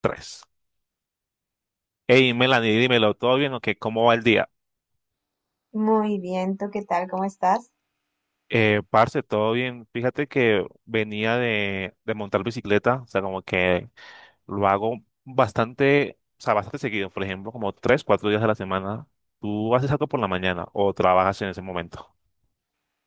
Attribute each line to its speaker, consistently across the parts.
Speaker 1: Tres. Hey, Melanie, dímelo, ¿todo bien o qué? ¿Cómo va el día?
Speaker 2: Muy bien, ¿tú qué tal? ¿Cómo estás?
Speaker 1: Parce, todo bien. Fíjate que venía de montar bicicleta, o sea, como que lo hago bastante, o sea, bastante seguido, por ejemplo, como 3, 4 días a la semana. ¿Tú haces algo por la mañana o trabajas en ese momento?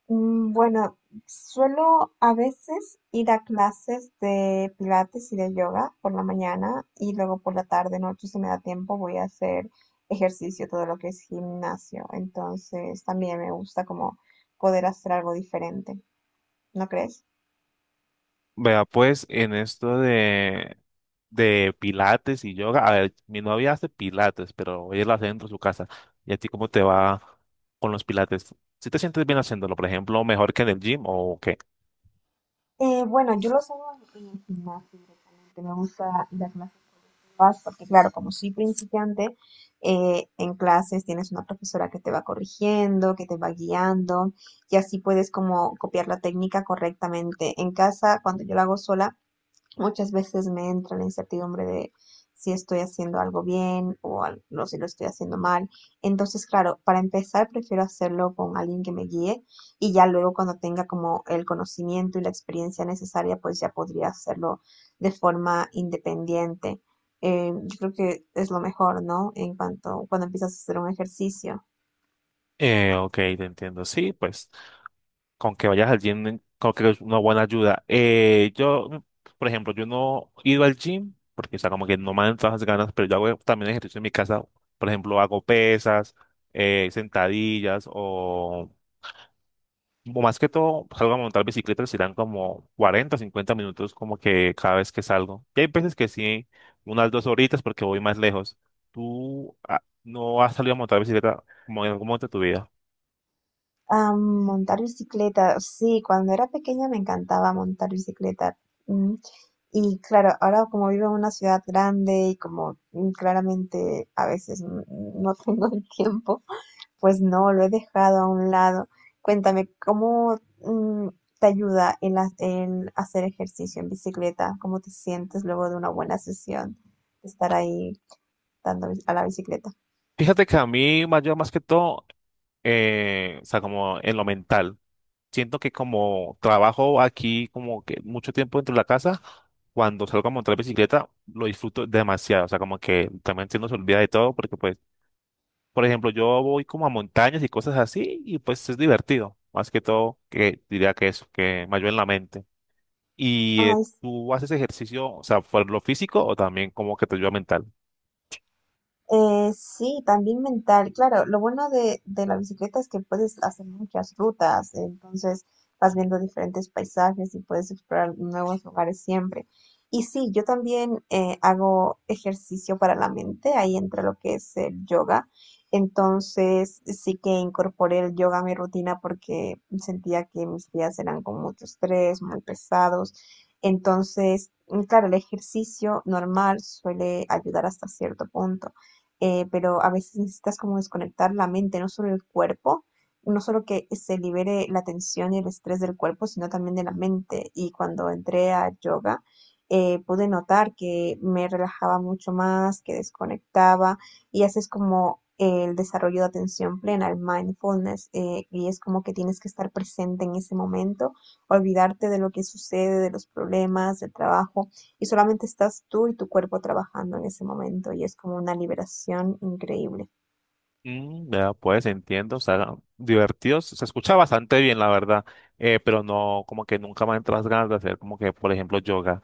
Speaker 2: Bueno, suelo a veces ir a clases de pilates y de yoga por la mañana y luego por la tarde, noche, si me da tiempo, voy a hacer ejercicio, todo lo que es gimnasio. Entonces, también me gusta como poder hacer algo diferente, ¿no crees?
Speaker 1: Vea, pues, en esto de pilates y yoga, a ver, mi novia hace pilates, pero ella lo hace dentro de su casa. ¿Y a ti cómo te va con los pilates? ¿Si te sientes bien haciéndolo, por ejemplo, mejor que en el gym o qué?
Speaker 2: Bueno, yo lo hago en el gimnasio directamente. Me gusta ir a clases papás, porque claro, como soy principiante, en clases tienes una profesora que te va corrigiendo, que te va guiando, y así puedes como copiar la técnica correctamente. En casa, cuando yo la hago sola, muchas veces me entra la incertidumbre de si estoy haciendo algo bien o no si lo estoy haciendo mal. Entonces, claro, para empezar prefiero hacerlo con alguien que me guíe y ya luego cuando tenga como el conocimiento y la experiencia necesaria, pues ya podría hacerlo de forma independiente. Yo creo que es lo mejor, ¿no? En cuanto cuando empiezas a hacer un ejercicio.
Speaker 1: Ok, te entiendo. Sí, pues con que vayas al gym, creo que es una buena ayuda. Yo, por ejemplo, yo no he ido al gym porque, o sea, como que no me dan todas las ganas, pero yo hago también ejercicio en mi casa. Por ejemplo, hago pesas, sentadillas o más que todo, salgo a montar bicicleta, serán como 40, 50 minutos como que cada vez que salgo. Y hay veces que sí, unas 2 horitas porque voy más lejos. ¿Tú no has salido a montar bicicleta como en algún momento de tu vida?
Speaker 2: Ah, montar bicicleta, sí, cuando era pequeña me encantaba montar bicicleta. Mm, Y claro, ahora como vivo en una ciudad grande y como claramente a veces no tengo el tiempo, pues no, lo he dejado a un lado. Cuéntame, ¿cómo te ayuda el hacer ejercicio en bicicleta? ¿Cómo te sientes luego de una buena sesión de estar ahí dando a la bicicleta?
Speaker 1: Fíjate que a mí me ayuda más que todo, o sea, como en lo mental. Siento que como trabajo aquí como que mucho tiempo dentro de la casa, cuando salgo a montar bicicleta, lo disfruto demasiado. O sea, como que también se nos olvida de todo porque, pues, por ejemplo, yo voy como a montañas y cosas así y pues es divertido. Más que todo, que diría que eso, que me ayuda en la mente. ¿Y
Speaker 2: Ay,
Speaker 1: tú haces ejercicio, o sea, por lo físico o también como que te ayuda mental?
Speaker 2: Sí, también mental, claro. Lo bueno de la bicicleta es que puedes hacer muchas rutas, entonces vas viendo diferentes paisajes y puedes explorar nuevos lugares siempre. Y sí, yo también hago ejercicio para la mente, ahí entra lo que es el yoga. Entonces sí que incorporé el yoga a mi rutina porque sentía que mis días eran con mucho estrés, muy pesados. Entonces, claro, el ejercicio normal suele ayudar hasta cierto punto, pero a veces necesitas como desconectar la mente, no solo el cuerpo, no solo que se libere la tensión y el estrés del cuerpo, sino también de la mente. Y cuando entré a yoga, pude notar que me relajaba mucho más, que desconectaba y haces como el desarrollo de atención plena, el mindfulness, y es como que tienes que estar presente en ese momento, olvidarte de lo que sucede, de los problemas, del trabajo y solamente estás tú y tu cuerpo trabajando en ese momento y es como una liberación increíble.
Speaker 1: Mm, ya, pues entiendo, o sea, divertidos, se escucha bastante bien, la verdad, pero no, como que nunca me han entrado las ganas de hacer como que, por ejemplo, yoga.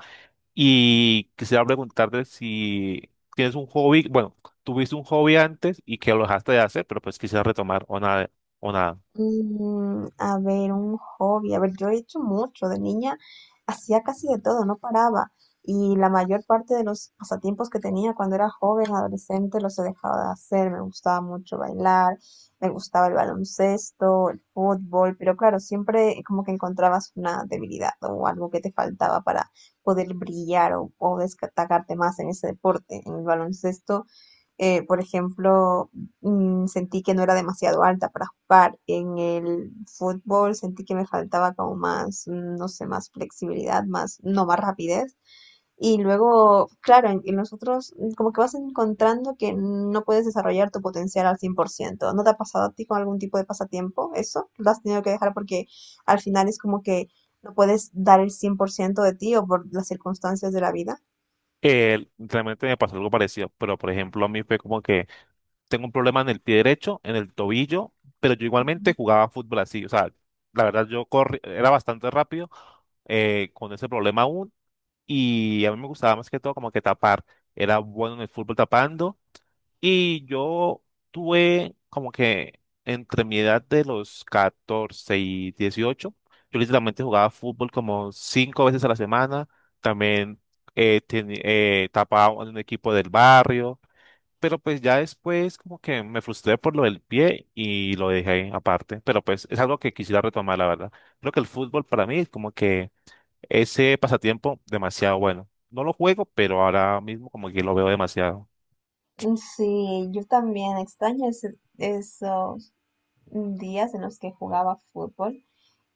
Speaker 1: Y quisiera preguntarte si tienes un hobby, bueno, tuviste un hobby antes y que lo dejaste de hacer, pero pues quisiera retomar o nada, o nada.
Speaker 2: A ver, un hobby. A ver, yo he hecho mucho. De niña hacía casi de todo, no paraba. Y la mayor parte de los pasatiempos que tenía cuando era joven, adolescente, los he dejado de hacer. Me gustaba mucho bailar, me gustaba el baloncesto, el fútbol, pero claro, siempre como que encontrabas una debilidad o algo que te faltaba para poder brillar o destacarte más en ese deporte. En el baloncesto, por ejemplo, sentí que no era demasiado alta para jugar. En el fútbol sentí que me faltaba como más, no sé, más flexibilidad, más, no, más rapidez. Y luego, claro, en los otros como que vas encontrando que no puedes desarrollar tu potencial al 100%. ¿No te ha pasado a ti con algún tipo de pasatiempo eso? ¿Lo has tenido que dejar porque al final es como que no puedes dar el 100% de ti o por las circunstancias de la vida?
Speaker 1: Realmente me pasó algo parecido, pero por ejemplo, a mí fue como que tengo un problema en el pie derecho, en el tobillo, pero yo igualmente jugaba fútbol así, o sea, la verdad yo corrí, era bastante rápido, con ese problema aún. Y a mí me gustaba más que todo como que tapar. Era bueno en el fútbol tapando. Y yo tuve como que entre mi edad de los 14 y 18, yo literalmente jugaba fútbol como cinco veces a la semana. También tapaba en un equipo del barrio. Pero pues ya después como que me frustré por lo del pie y lo dejé aparte. Pero pues es algo que quisiera retomar, la verdad. Creo que el fútbol para mí es como que ese pasatiempo, demasiado bueno. No lo juego, pero ahora mismo como que lo veo demasiado.
Speaker 2: Sí, yo también extraño eso, días en los que jugaba fútbol.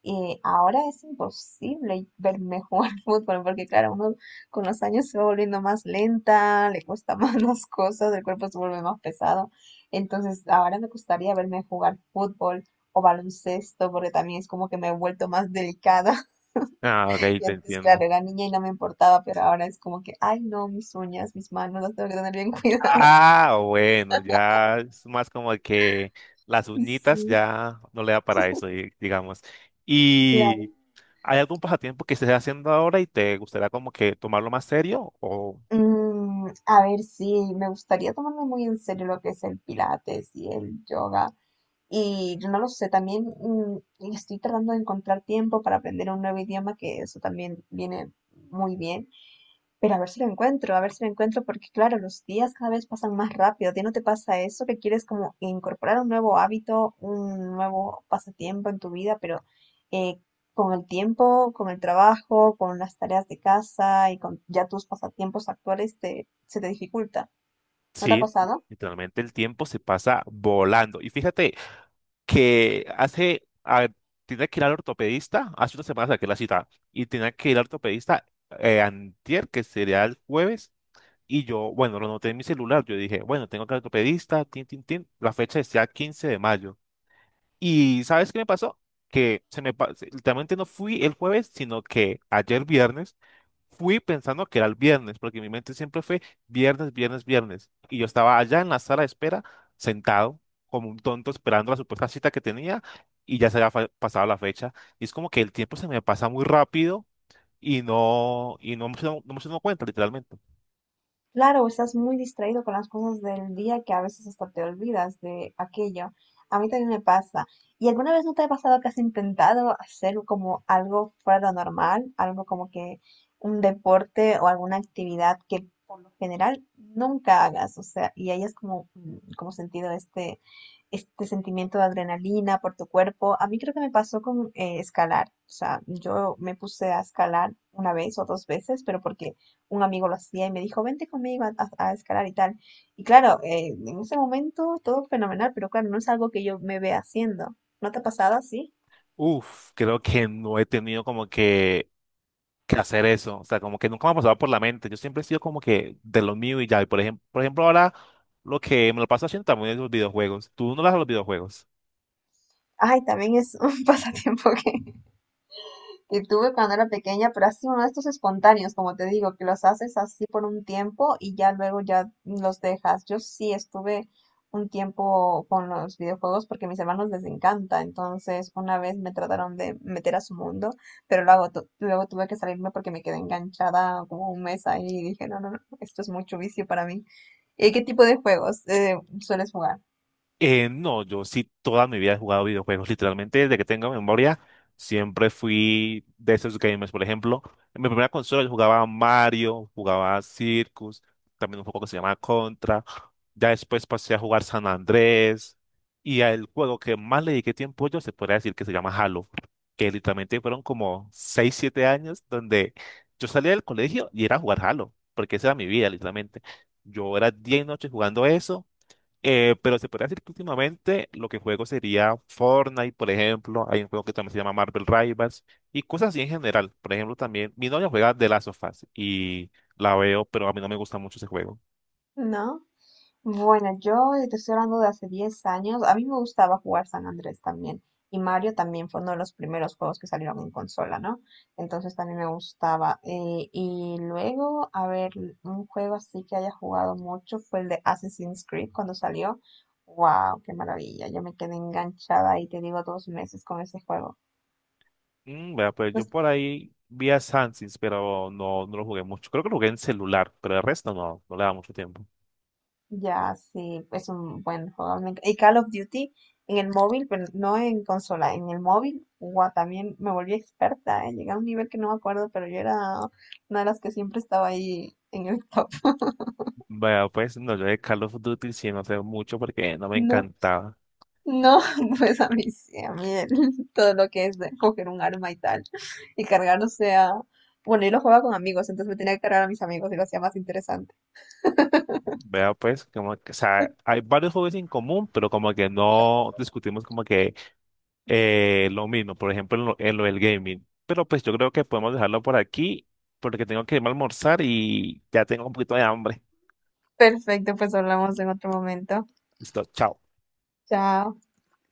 Speaker 2: Y ahora es imposible verme jugar fútbol porque, claro, uno con los años se va volviendo más lenta, le cuesta más las cosas, el cuerpo se vuelve más pesado. Entonces, ahora me gustaría verme jugar fútbol o baloncesto porque también es como que me he vuelto más delicada.
Speaker 1: Ah, ok,
Speaker 2: Y
Speaker 1: te
Speaker 2: antes, claro,
Speaker 1: entiendo.
Speaker 2: era niña y no me importaba, pero ahora es como que, ay, no, mis uñas, mis manos las tengo que tener bien cuidadas.
Speaker 1: Ah, bueno, ya es más como que las uñitas
Speaker 2: Sí,
Speaker 1: ya no le da para eso, digamos.
Speaker 2: claro.
Speaker 1: ¿Y hay algún pasatiempo que estés haciendo ahora y te gustaría como que tomarlo más serio? O
Speaker 2: A ver, sí, me gustaría tomarme muy en serio lo que es el pilates y el yoga. Y yo no lo sé, también estoy tratando de encontrar tiempo para aprender un nuevo idioma, que eso también viene muy bien. Pero a ver si lo encuentro, a ver si lo encuentro, porque claro, los días cada vez pasan más rápido. ¿A ti no te pasa eso que quieres como incorporar un nuevo hábito, un nuevo pasatiempo en tu vida, pero eh, con el tiempo, con el trabajo, con las tareas de casa y con ya tus pasatiempos actuales se te dificulta? ¿No te ha
Speaker 1: sí,
Speaker 2: pasado?
Speaker 1: literalmente el tiempo se pasa volando. Y fíjate, que hace, a ver, que ir al ortopedista, hace una semana saqué la cita, y tenía que ir al ortopedista, antier, que sería el jueves, y yo, bueno, lo noté en mi celular, yo dije, bueno, tengo que ir al ortopedista, tin, tin, tin, la fecha decía 15 de mayo. Y ¿sabes qué me pasó? Que se me, literalmente no fui el jueves, sino que ayer viernes. Fui pensando que era el viernes, porque mi mente siempre fue viernes, viernes, viernes. Y yo estaba allá en la sala de espera, sentado, como un tonto, esperando la supuesta cita que tenía, y ya se había pasado la fecha. Y es como que el tiempo se me pasa muy rápido y no me estoy dando cuenta, literalmente.
Speaker 2: Claro, estás muy distraído con las cosas del día que a veces hasta te olvidas de aquello. A mí también me pasa. ¿Y alguna vez no te ha pasado que has intentado hacer como algo fuera de lo normal, algo como que un deporte o alguna actividad que por lo general nunca hagas? O sea, y hayas como, como sentido este sentimiento de adrenalina por tu cuerpo. A mí creo que me pasó con escalar. O sea, yo me puse a escalar una vez o dos veces, pero porque un amigo lo hacía y me dijo, vente conmigo a escalar y tal. Y claro, en ese momento todo fenomenal, pero claro, no es algo que yo me vea haciendo. ¿No te ha pasado así?
Speaker 1: Uf, creo que no he tenido como que hacer eso. O sea, como que nunca me ha pasado por la mente. Yo siempre he sido como que de lo mío y ya. Y por ejemplo, ahora lo que me lo paso haciendo también es los videojuegos. ¿Tú no lo haces los videojuegos?
Speaker 2: Ay, también es un pasatiempo que tuve cuando era pequeña, pero ha sido uno de estos espontáneos, como te digo, que los haces así por un tiempo y ya luego ya los dejas. Yo sí estuve un tiempo con los videojuegos porque a mis hermanos les encanta, entonces una vez me trataron de meter a su mundo, pero luego, luego tuve que salirme porque me quedé enganchada como un mes ahí y dije, no, no, no, esto es mucho vicio para mí. ¿Y qué tipo de juegos sueles jugar?
Speaker 1: No, yo sí toda mi vida he jugado videojuegos, literalmente desde que tengo memoria, siempre fui de esos gamers. Por ejemplo, en mi primera consola yo jugaba Mario, jugaba Circus, también un juego que se llama Contra. Ya después pasé a jugar San Andrés y el juego que más le dediqué tiempo yo se podría decir que se llama Halo, que literalmente fueron como 6, 7 años donde yo salía del colegio y era a jugar Halo, porque esa era mi vida, literalmente. Yo era día y noche jugando eso, pero se podría decir que últimamente lo que juego sería Fortnite, por ejemplo. Hay un juego que también se llama Marvel Rivals y cosas así en general. Por ejemplo, también mi novia juega The Last of Us y la veo, pero a mí no me gusta mucho ese juego.
Speaker 2: ¿No? Bueno, yo te estoy hablando de hace 10 años. A mí me gustaba jugar San Andrés también. Y Mario también fue uno de los primeros juegos que salieron en consola, ¿no? Entonces también me gustaba. Y luego, a ver, un juego así que haya jugado mucho fue el de Assassin's Creed cuando salió. ¡Wow! ¡Qué maravilla! Yo me quedé enganchada y te digo, 2 meses con ese juego.
Speaker 1: Vea, pues
Speaker 2: No.
Speaker 1: yo por ahí vi a Sans, pero no, no lo jugué mucho. Creo que lo jugué en celular, pero el resto no, no le da mucho tiempo.
Speaker 2: Ya, sí, es un buen juego. Y Call of Duty en el móvil, pero no en consola, en el móvil, guau, también me volví experta, ¿eh? Llegué a un nivel que no me acuerdo, pero yo era una de las que siempre estaba ahí en el top.
Speaker 1: Vea, pues no, yo de Call of Duty sí no sé mucho porque no me
Speaker 2: No,
Speaker 1: encantaba.
Speaker 2: no, pues a mí sí, a mí todo lo que es de coger un arma y tal, y cargar, o sea, bueno, yo lo jugaba con amigos, entonces me tenía que cargar a mis amigos y lo hacía más interesante.
Speaker 1: Vea, pues, como que, o sea, hay varios juegos en común, pero como que no discutimos como que. Lo mismo, por ejemplo, en lo del gaming. Pero pues yo creo que podemos dejarlo por aquí porque tengo que irme a almorzar y ya tengo un poquito de hambre.
Speaker 2: Perfecto, pues hablamos en otro momento.
Speaker 1: Listo, chao.
Speaker 2: Chao.